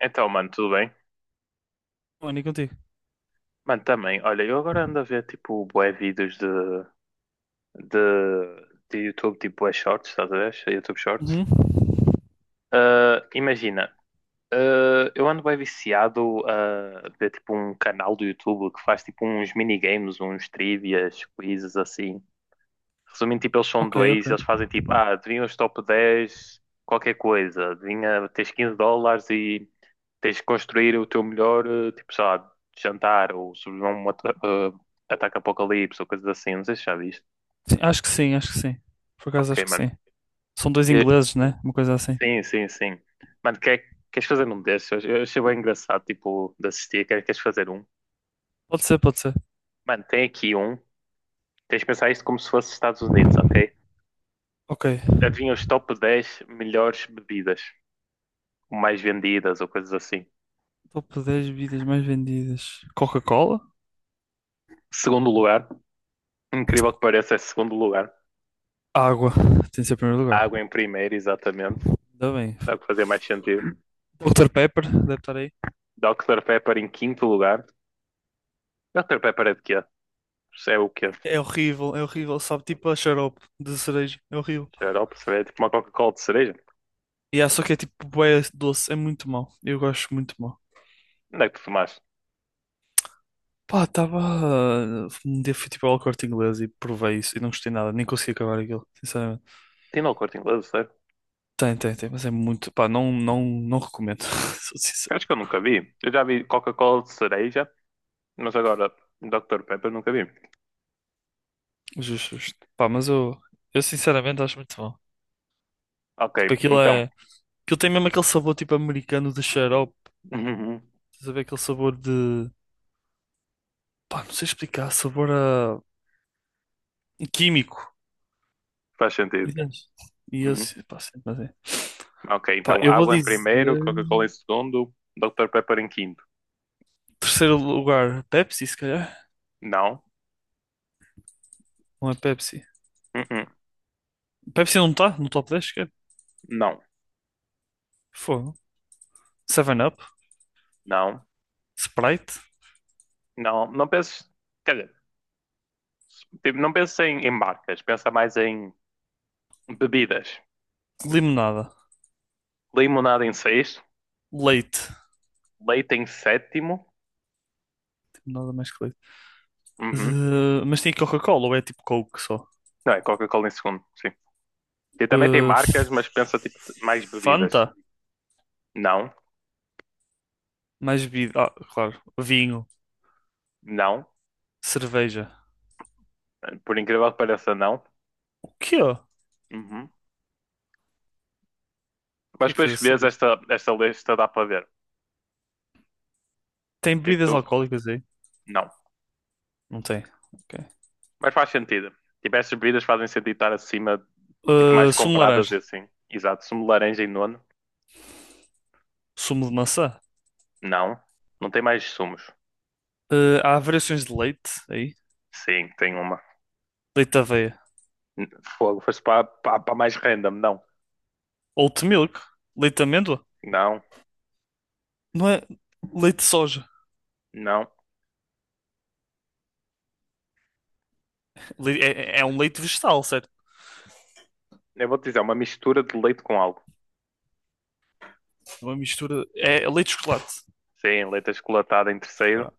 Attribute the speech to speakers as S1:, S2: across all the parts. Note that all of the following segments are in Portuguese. S1: Então, mano, tudo bem?
S2: Tony, contigo.
S1: Mano, também, olha, eu agora ando a ver, tipo, bué vídeos de, de YouTube, tipo, bué shorts, estás a ver? YouTube shorts.
S2: Uhum.
S1: Ah, imagina, ah, eu ando bem viciado a ver, tipo, um canal do YouTube que faz, tipo, uns minigames, uns trivias, quizzes, assim. Resumindo, tipo, eles são
S2: Ok, ok.
S1: dois, eles fazem tipo, ah, adivinha os top 10 qualquer coisa, adivinha, tens $15 e tens de construir o teu melhor, eh, tipo, sei lá, jantar ou sobreviver a um ataque apocalipse ou coisas assim, não sei se já viste.
S2: Sim, acho que sim, acho que sim. Por acaso, acho
S1: Ok,
S2: que
S1: mano.
S2: sim. São dois
S1: Eh,
S2: ingleses, né? Uma coisa assim.
S1: sim, sim, sim. Mano, queres fazer um desses? Eu achei bem engraçado, tipo, de assistir, queres fazer um?
S2: Pode ser, pode ser.
S1: Mano, tem aqui um, tens de pensar isto como se fosse Estados Unidos, ok?
S2: Ok.
S1: Adivinha os top 10 melhores bebidas, ou mais vendidas ou coisas assim.
S2: Top 10 bebidas mais vendidas. Coca-Cola?
S1: Segundo lugar, incrível que pareça, é segundo lugar.
S2: Água. Tem de ser em primeiro lugar.
S1: Água em primeiro, exatamente.
S2: Ainda bem.
S1: Dá o que fazer mais sentido.
S2: Dr. Pepper, deve estar aí.
S1: Dr. Pepper em quinto lugar. Dr. Pepper é de quê? É o quê?
S2: É horrível, é horrível. Sabe, tipo a xarope de cereja. É horrível.
S1: Xarope, cerveja? Tipo uma Coca-Cola de cereja?
S2: E yeah, só que é tipo bué doce. É muito mau. Eu gosto muito mal.
S1: Onde é que tu tomaste?
S2: Pá, estava. Um dia fui tipo ao Corte Inglês e provei isso e não gostei nada, nem consegui acabar aquilo, sinceramente.
S1: Tem no corte inglês, sério?
S2: Tem, tem, tem, mas é muito. Pá, não, não, não recomendo. Sou sincero.
S1: Acho que eu nunca vi. Eu já vi Coca-Cola de cereja, mas agora Dr. Pepper nunca vi.
S2: Justo, justo. Pá, mas eu sinceramente acho muito bom.
S1: Ok,
S2: Tipo, aquilo
S1: então.
S2: é. Aquilo tem mesmo aquele sabor tipo americano de xarope.
S1: Uhum.
S2: Estás a ver aquele sabor de. Pá, não sei explicar, sabor a químico.
S1: Faz sentido.
S2: Entendes? E eu,
S1: Uhum.
S2: pá, sim, mas é.
S1: Ok,
S2: Pá,
S1: então
S2: eu vou
S1: água em primeiro,
S2: dizer.
S1: Coca-Cola em segundo, Dr. Pepper em quinto.
S2: Terceiro lugar, Pepsi, se calhar.
S1: Não.
S2: Não é Pepsi.
S1: Uhum.
S2: Pepsi não está no top 10, cara.
S1: Não.
S2: Fogo. Seven up.
S1: Não.
S2: Sprite,
S1: Não, não penses. Quer dizer, tipo, não penses em marcas, pensa mais em bebidas.
S2: limonada,
S1: Limonada em sexto,
S2: leite.
S1: leite em sétimo.
S2: Tipo, nada mais que leite.
S1: Uhum.
S2: Mas tem Coca-Cola ou é tipo Coke só?
S1: Não, é Coca-Cola em segundo, sim. E também tem
S2: Eh,
S1: marcas, mas pensa tipo mais
S2: Fanta,
S1: bebidas. Não,
S2: mais bebida. Ah, claro. Vinho,
S1: não.
S2: cerveja.
S1: Por incrível que pareça, não.
S2: O quê? O
S1: Uhum. Mas
S2: que é que fez
S1: depois que
S2: essa
S1: vês
S2: lista?
S1: esta lista dá para ver.
S2: Tem bebidas
S1: Tipo, tu,
S2: alcoólicas aí?
S1: não.
S2: Não tem. Ok.
S1: Mas faz sentido. Tipo, estas bebidas fazem sentido estar acima, tipo, mais
S2: Sumo de
S1: compradas
S2: laranja,
S1: e assim. Exato. Sumo de laranja em nono?
S2: sumo de maçã.
S1: Não. Não tem mais sumos.
S2: Há variações de leite aí.
S1: Sim, tem uma.
S2: Leite de aveia.
S1: Fogo, foste para mais random. Não,
S2: Oat milk, leite de amêndoa.
S1: não,
S2: Não é leite de soja.
S1: não.
S2: É um leite vegetal, certo?
S1: Eu vou-te dizer, é uma mistura de leite com algo.
S2: Uma mistura. É leite de chocolate.
S1: Sim, leite achocolatado em terceiro.
S2: Ah,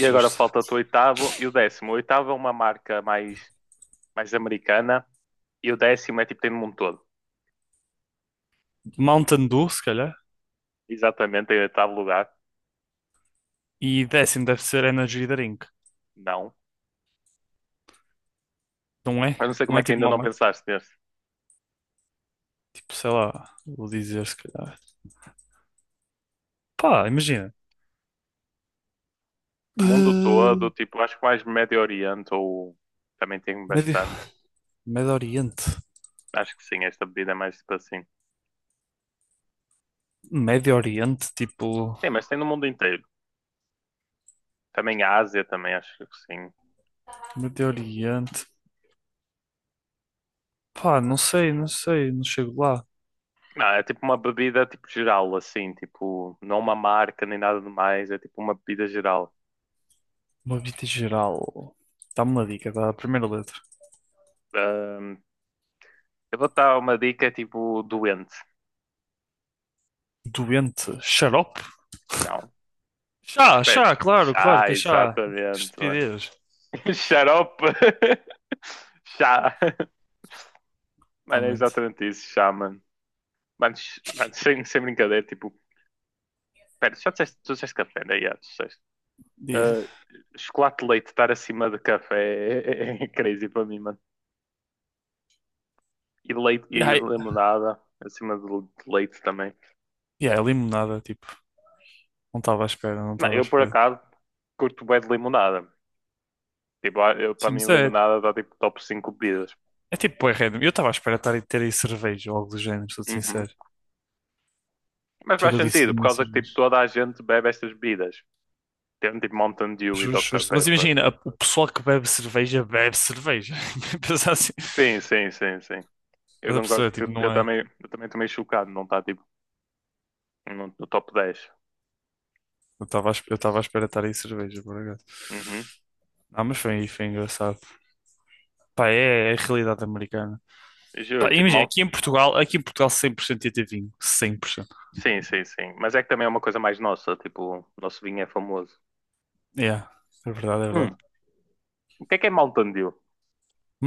S1: E agora
S2: justo.
S1: falta-te o oitavo e o 10º. O oitavo é uma marca mais americana e o 10º é tipo tem no mundo todo.
S2: Mountain Dew, se calhar.
S1: Exatamente, em oitavo lugar.
S2: E 10º deve ser Energy Drink.
S1: Não.
S2: Não é?
S1: Eu não sei como
S2: Não
S1: é
S2: é
S1: que
S2: tipo
S1: ainda
S2: uma
S1: não
S2: marca?
S1: pensaste nesse.
S2: Tipo, sei lá, vou dizer se calhar. Pá, imagina.
S1: Mundo
S2: Eh,
S1: todo, tipo, acho que mais Médio Oriente ou também tem
S2: Médio,
S1: bastante.
S2: Médio Oriente.
S1: Acho que sim, esta bebida é mais tipo assim.
S2: Médio Oriente, tipo.
S1: Sim, mas tem no mundo inteiro. Também a Ásia também, acho que sim.
S2: Médio Oriente. Pá, não sei, não sei, não chego lá.
S1: Não, é tipo uma bebida tipo geral, assim, tipo, não uma marca nem nada de mais, é tipo uma bebida geral.
S2: Uma vida geral. Dá-me uma dica da primeira letra.
S1: Ahm, eu vou dar uma dica tipo doente.
S2: Doente. Xarope?
S1: Não, estás
S2: Chá,
S1: perto.
S2: chá, claro, claro
S1: Chá,
S2: que é chá. Que
S1: exatamente, mano.
S2: estupidez,
S1: Xarope. Chá. Mano, é
S2: realmente.
S1: exatamente isso, chá, mano. Mano, ch- mano, sem, sem brincadeira, tipo, pera, já disseste, tu disseste café, né? Yeah, tu disseste.
S2: E,
S1: Ah, chocolate de leite estar acima de café é crazy para mim, mano. E leite
S2: e
S1: e limonada, acima de leite também.
S2: e aí, limonada, tipo, não estava à espera, não
S1: Não,
S2: estava à
S1: eu por
S2: espera.
S1: acaso curto bem de limonada. Tipo, ah, eu, para
S2: Sim, mas
S1: mim
S2: é,
S1: limonada dá tipo top 5 bebidas.
S2: é tipo, bué random. Eu estava à espera estar, a ter aí cerveja ou algo do género, sou
S1: Uhum.
S2: sincero.
S1: Mas
S2: Por isso é
S1: faz
S2: que eu disse
S1: sentido, por
S2: vinho e
S1: causa que tipo
S2: cerveja.
S1: toda a gente bebe estas bebidas. Tem tipo Mountain Dew e
S2: Justo,
S1: Dr.
S2: justo. Mas
S1: Pepper.
S2: imagina, o pessoal que bebe cerveja, bebe cerveja. Pensar assim.
S1: Sim, sim, sim, sim. Eu
S2: Mas a
S1: concordo
S2: pessoa,
S1: que
S2: tipo,
S1: eu
S2: não é.
S1: também, eu também estou meio chocado, não está tipo no top 10.
S2: Eu estava à espera estar aí cerveja, por acaso.
S1: Uhum.
S2: Ah, mas foi engraçado. Pá, é a realidade americana.
S1: Juro,
S2: Pá,
S1: tipo,
S2: imagina,
S1: mal...
S2: aqui em Portugal 100% ia ter vinho, 100%.
S1: Sim, sim, sim. Mas é que também é uma coisa mais nossa, tipo, o nosso vinho é famoso.
S2: Yeah, é verdade, é verdade.
S1: Hum, o que é Mountain Dew?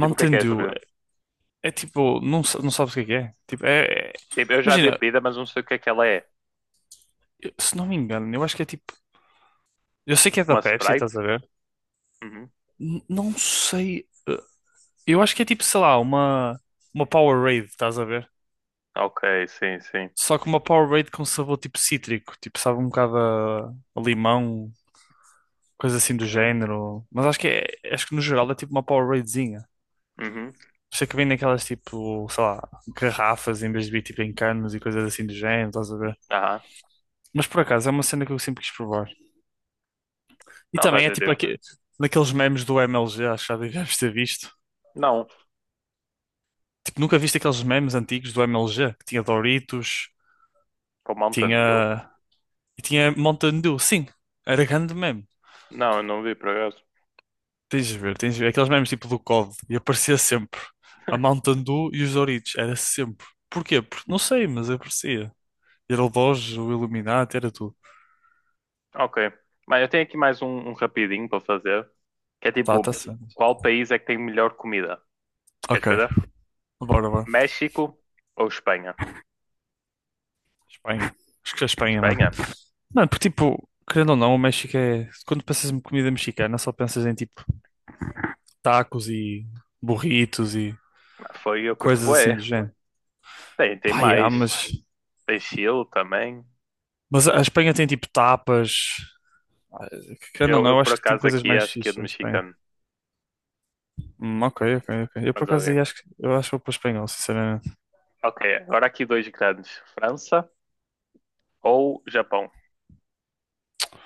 S1: Tipo, o que é essa.
S2: Dew é tipo, não, não sabes o que é que é. Tipo, é-
S1: Tipo, eu já vi a
S2: Imagina,
S1: bebida, mas não sei o que é que ela é.
S2: se não me engano, eu acho que é tipo, eu sei que é
S1: Tipo
S2: da
S1: uma
S2: Pepsi,
S1: Sprite?
S2: estás a ver?
S1: Uhum.
S2: Não sei, eu acho que é tipo, sei lá, uma Powerade, estás a ver?
S1: Ok, sim, sim.
S2: Só que uma Powerade com sabor tipo cítrico, tipo, sabe um bocado a limão, coisa assim do
S1: Uhum.
S2: género. Mas acho que no geral é tipo uma Poweradezinha.
S1: Uhum.
S2: Por isso é que vem daquelas tipo, sei lá, garrafas em vez de vir tipo em canos e coisas assim do género, estás a ver?
S1: Aham.
S2: Mas por acaso é uma cena que eu sempre quis provar. E
S1: Não,
S2: também
S1: estás
S2: é
S1: a
S2: tipo
S1: ver.
S2: naqueles memes do MLG, acho que já deves ter visto.
S1: Não,
S2: Tipo, nunca viste aqueles memes antigos do MLG, que tinha Doritos,
S1: com Mountain Dew?
S2: tinha. E tinha Mountain Dew, sim, era grande meme.
S1: Não, eu não vi por acaso.
S2: Tens de ver, tens de ver. Aqueles memes tipo do COD, e aparecia sempre a Mountain Dew e os Doritos, era sempre. Porquê? Porque não sei, mas aparecia. Era o Doge, o Illuminati, era tudo.
S1: Ok. Mas eu tenho aqui mais um rapidinho para fazer. Que é
S2: Tá, tá
S1: tipo,
S2: certo.
S1: qual país é que tem melhor comida? Queres
S2: Ok,
S1: fazer?
S2: bora, bora.
S1: México ou Espanha?
S2: Espanha. Acho que é Espanha, mano.
S1: Espanha?
S2: Mano, porque tipo, querendo ou não, o México é. Quando pensas em comida mexicana, só pensas em tipo tacos e burritos e
S1: Foi eu curto
S2: coisas assim
S1: bué.
S2: do género.
S1: Tem, tem
S2: Pá, yeah,
S1: mais.
S2: mas.
S1: Tem Chile também.
S2: Mas a Espanha tem tipo tapas. Ah, querendo ou não,
S1: Eu
S2: eu
S1: por
S2: acho que tem
S1: acaso
S2: coisas
S1: aqui
S2: mais
S1: acho que é de
S2: fixas a Espanha.
S1: mexicano.
S2: Ok, ok, ok. Eu por
S1: Mas
S2: acaso aí
S1: alguém.
S2: acho que eu acho que vou para o espanhol, sinceramente.
S1: Ok, agora aqui dois grandes: França ou Japão.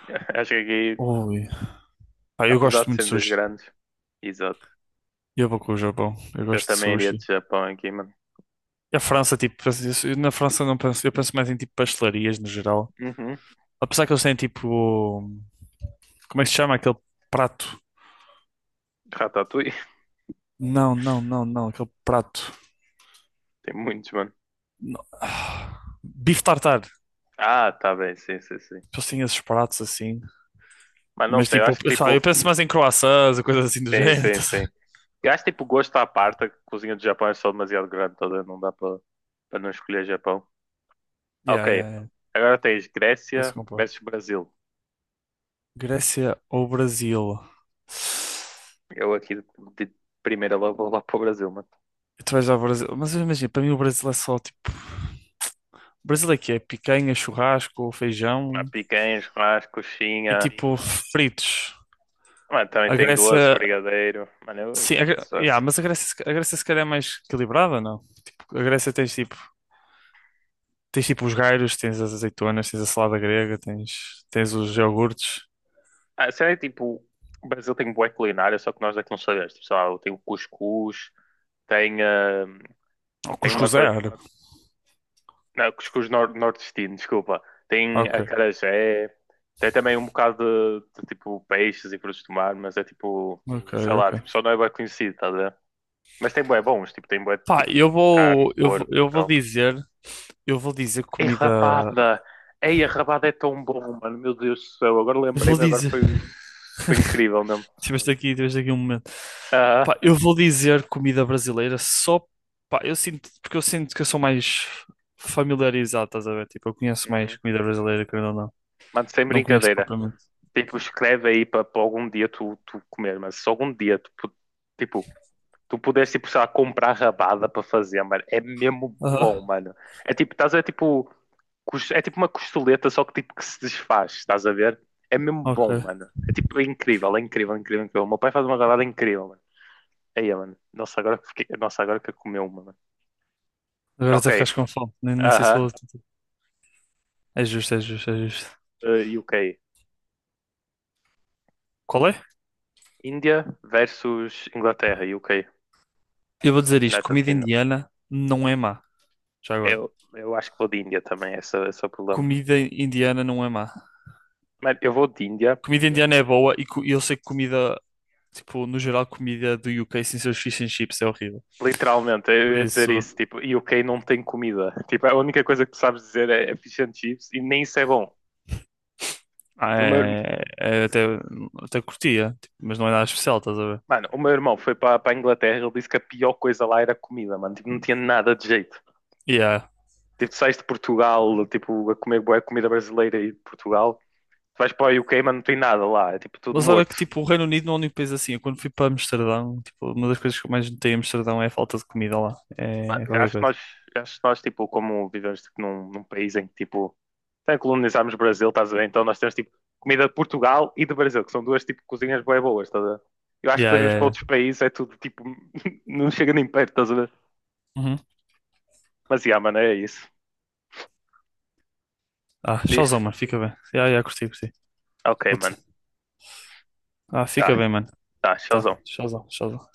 S1: Acho que aqui,
S2: Ui. Pá, eu
S1: apesar
S2: gosto
S1: de
S2: muito de
S1: serem dois
S2: sushi.
S1: grandes, exato.
S2: Eu vou com o Japão. Eu
S1: Eu
S2: gosto de
S1: também iria de
S2: sushi.
S1: Japão aqui, mano.
S2: E a França, tipo, na França eu não penso, eu penso mais em tipo pastelarias no geral.
S1: Uhum.
S2: Apesar que eles têm tipo. Como é que se chama aquele prato?
S1: Ratatouille.
S2: Não, não, não, não, aquele prato.
S1: Tem muitos, mano.
S2: Bife tartar.
S1: Ah, tá bem, sim, sim, sim.
S2: Eles têm esses pratos assim.
S1: Mas não
S2: Mas
S1: sei, eu
S2: tipo,
S1: acho
S2: eu
S1: que
S2: sabe, eu
S1: tipo.
S2: penso mais em croissants, ou coisas assim do
S1: Sim,
S2: género.
S1: sim,
S2: Estás a
S1: sim.
S2: ver?
S1: Eu acho que tipo gosto à parte, a cozinha do Japão é só demasiado grande toda, não dá para para não escolher Japão.
S2: Yeah,
S1: Ok,
S2: yeah, yeah.
S1: agora tens
S2: Penso
S1: Grécia
S2: que compro.
S1: versus Brasil.
S2: Grécia ou Brasil?
S1: Eu aqui de primeira logo vou lá para o Brasil, mano.
S2: Tu vais ao Brasil. Mas imagina, para mim o Brasil é só tipo. O Brasil é que é picanha, churrasco, feijão
S1: Mas Picanha, churrasco,
S2: e
S1: coxinha.
S2: tipo fritos.
S1: Mano, também
S2: A
S1: tem doce,
S2: Grécia.
S1: brigadeiro. Mano, eu
S2: Sim,
S1: sou
S2: yeah,
S1: assim.
S2: mas a Grécia, se ca- a Grécia se calhar é mais equilibrada, não? Tipo, a Grécia tens tipo os gyros, tens as azeitonas, tens a salada grega, tens os iogurtes.
S1: Ah, sei lá, tipo, o Brasil tem boa culinária, só que nós é que não sabemos. Tipo, sei lá, tem o cuscuz, tem, ah,
S2: O
S1: tem uma
S2: cuscuz é
S1: coisa.
S2: árabe.
S1: Não, cuscuz nor nordestino, desculpa. Tem
S2: Ok,
S1: acarajé, tem também um bocado de, tipo peixes e frutos do mar, mas é tipo,
S2: ok,
S1: sei lá, tipo,
S2: ok.
S1: só não é bem conhecido, tá a ver? Mas tem bué bons, tipo, tem bué de,
S2: Pá,
S1: tipo carne, porco e tal.
S2: eu vou dizer
S1: E
S2: comida,
S1: rabada! Ei, a rabada é tão bom, mano, meu Deus do céu, agora
S2: eu vou
S1: lembrei-me, agora
S2: dizer.
S1: foi. Foi incrível mesmo.
S2: Tiveste aqui um momento.
S1: Aham.
S2: Pá, eu vou dizer comida brasileira só, pá, porque eu sinto que eu sou mais familiarizado, estás a ver? Tipo, eu conheço mais
S1: Uhum.
S2: comida brasileira, querendo ou não.
S1: Mano, sem
S2: Não conheço
S1: brincadeira.
S2: propriamente.
S1: Tipo, escreve aí para algum dia tu, comer, mas se algum dia tu, pu- tipo, tu puderes, tipo, sei lá, comprar rabada para fazer, mano, é mesmo bom,
S2: Aham,
S1: mano. É tipo, estás a ver, tipo, cos- é tipo uma costeleta, só que tipo que se desfaz, estás a ver? É mesmo bom,
S2: ok.
S1: mano. É tipo, é incrível, é incrível, é incrível, é incrível. O meu pai faz uma rabada incrível, mano. Aí, mano. Nossa, agora que fiquei... Nossa, agora que eu comi uma, mano.
S2: Agora
S1: Ok.
S2: até ficaste com fome, nem sei se
S1: Aham.
S2: vou. É justo, é justo, é justo.
S1: UK.
S2: Qual é?
S1: Índia versus Inglaterra e UK,
S2: Eu vou dizer isto,
S1: United
S2: comida
S1: Kingdom.
S2: indiana não é má. Já agora.
S1: Eu acho que vou de Índia também, esse é o problema.
S2: Comida indiana não é má.
S1: Mano, eu vou de Índia,
S2: Comida indiana é boa e e eu sei que comida, tipo, no geral, comida do UK sem seus fish and chips é horrível.
S1: literalmente,
S2: Por
S1: eu ia dizer isso,
S2: isso.
S1: tipo, UK não tem comida. Tipo, a única coisa que tu sabes dizer é fish and chips e nem isso é bom.
S2: Ah,
S1: O meu, irm-
S2: é até curtia, tipo, mas não é nada especial, estás a ver?
S1: mano, o meu irmão foi para a Inglaterra, ele disse que a pior coisa lá era a comida, mano, tipo, não tinha nada de jeito.
S2: Yeah.
S1: Tipo, tu sais de Portugal, tipo, a comer boa comida brasileira e de Portugal, tu vais para o UK, mano, não tem nada lá, é tipo tudo
S2: Mas olha que
S1: morto.
S2: tipo, o Reino Unido não é um país assim. Eu, quando fui para Amsterdão, tipo, uma das coisas que eu mais notei em Amsterdão é a falta de comida lá.
S1: Mano,
S2: É
S1: eu
S2: qualquer
S1: Acho que
S2: coisa.
S1: nós, acho que nós tipo, como vivemos tipo, num país em que, tipo, até colonizámos o Brasil, estás a ver? Então nós temos, tipo, comida de Portugal e do Brasil, que são duas, tipo, cozinhas bué boas, estás a ver? Eu acho que
S2: Yeah,
S1: depois vemos
S2: yeah,
S1: para outros
S2: yeah.
S1: países, é tudo, tipo, não chega nem perto, estás a ver?
S2: Uhum.
S1: Mas, yeah, mano, é isso.
S2: Ah,
S1: Curtiste?
S2: showzão, mano, fica bem. Yeah, yeah, curti, curti.
S1: Ok, mano.
S2: Puta. Ah,
S1: Tá,
S2: fica bem, mano.
S1: tá,
S2: Tá,
S1: showzão.
S2: showzão, showzão.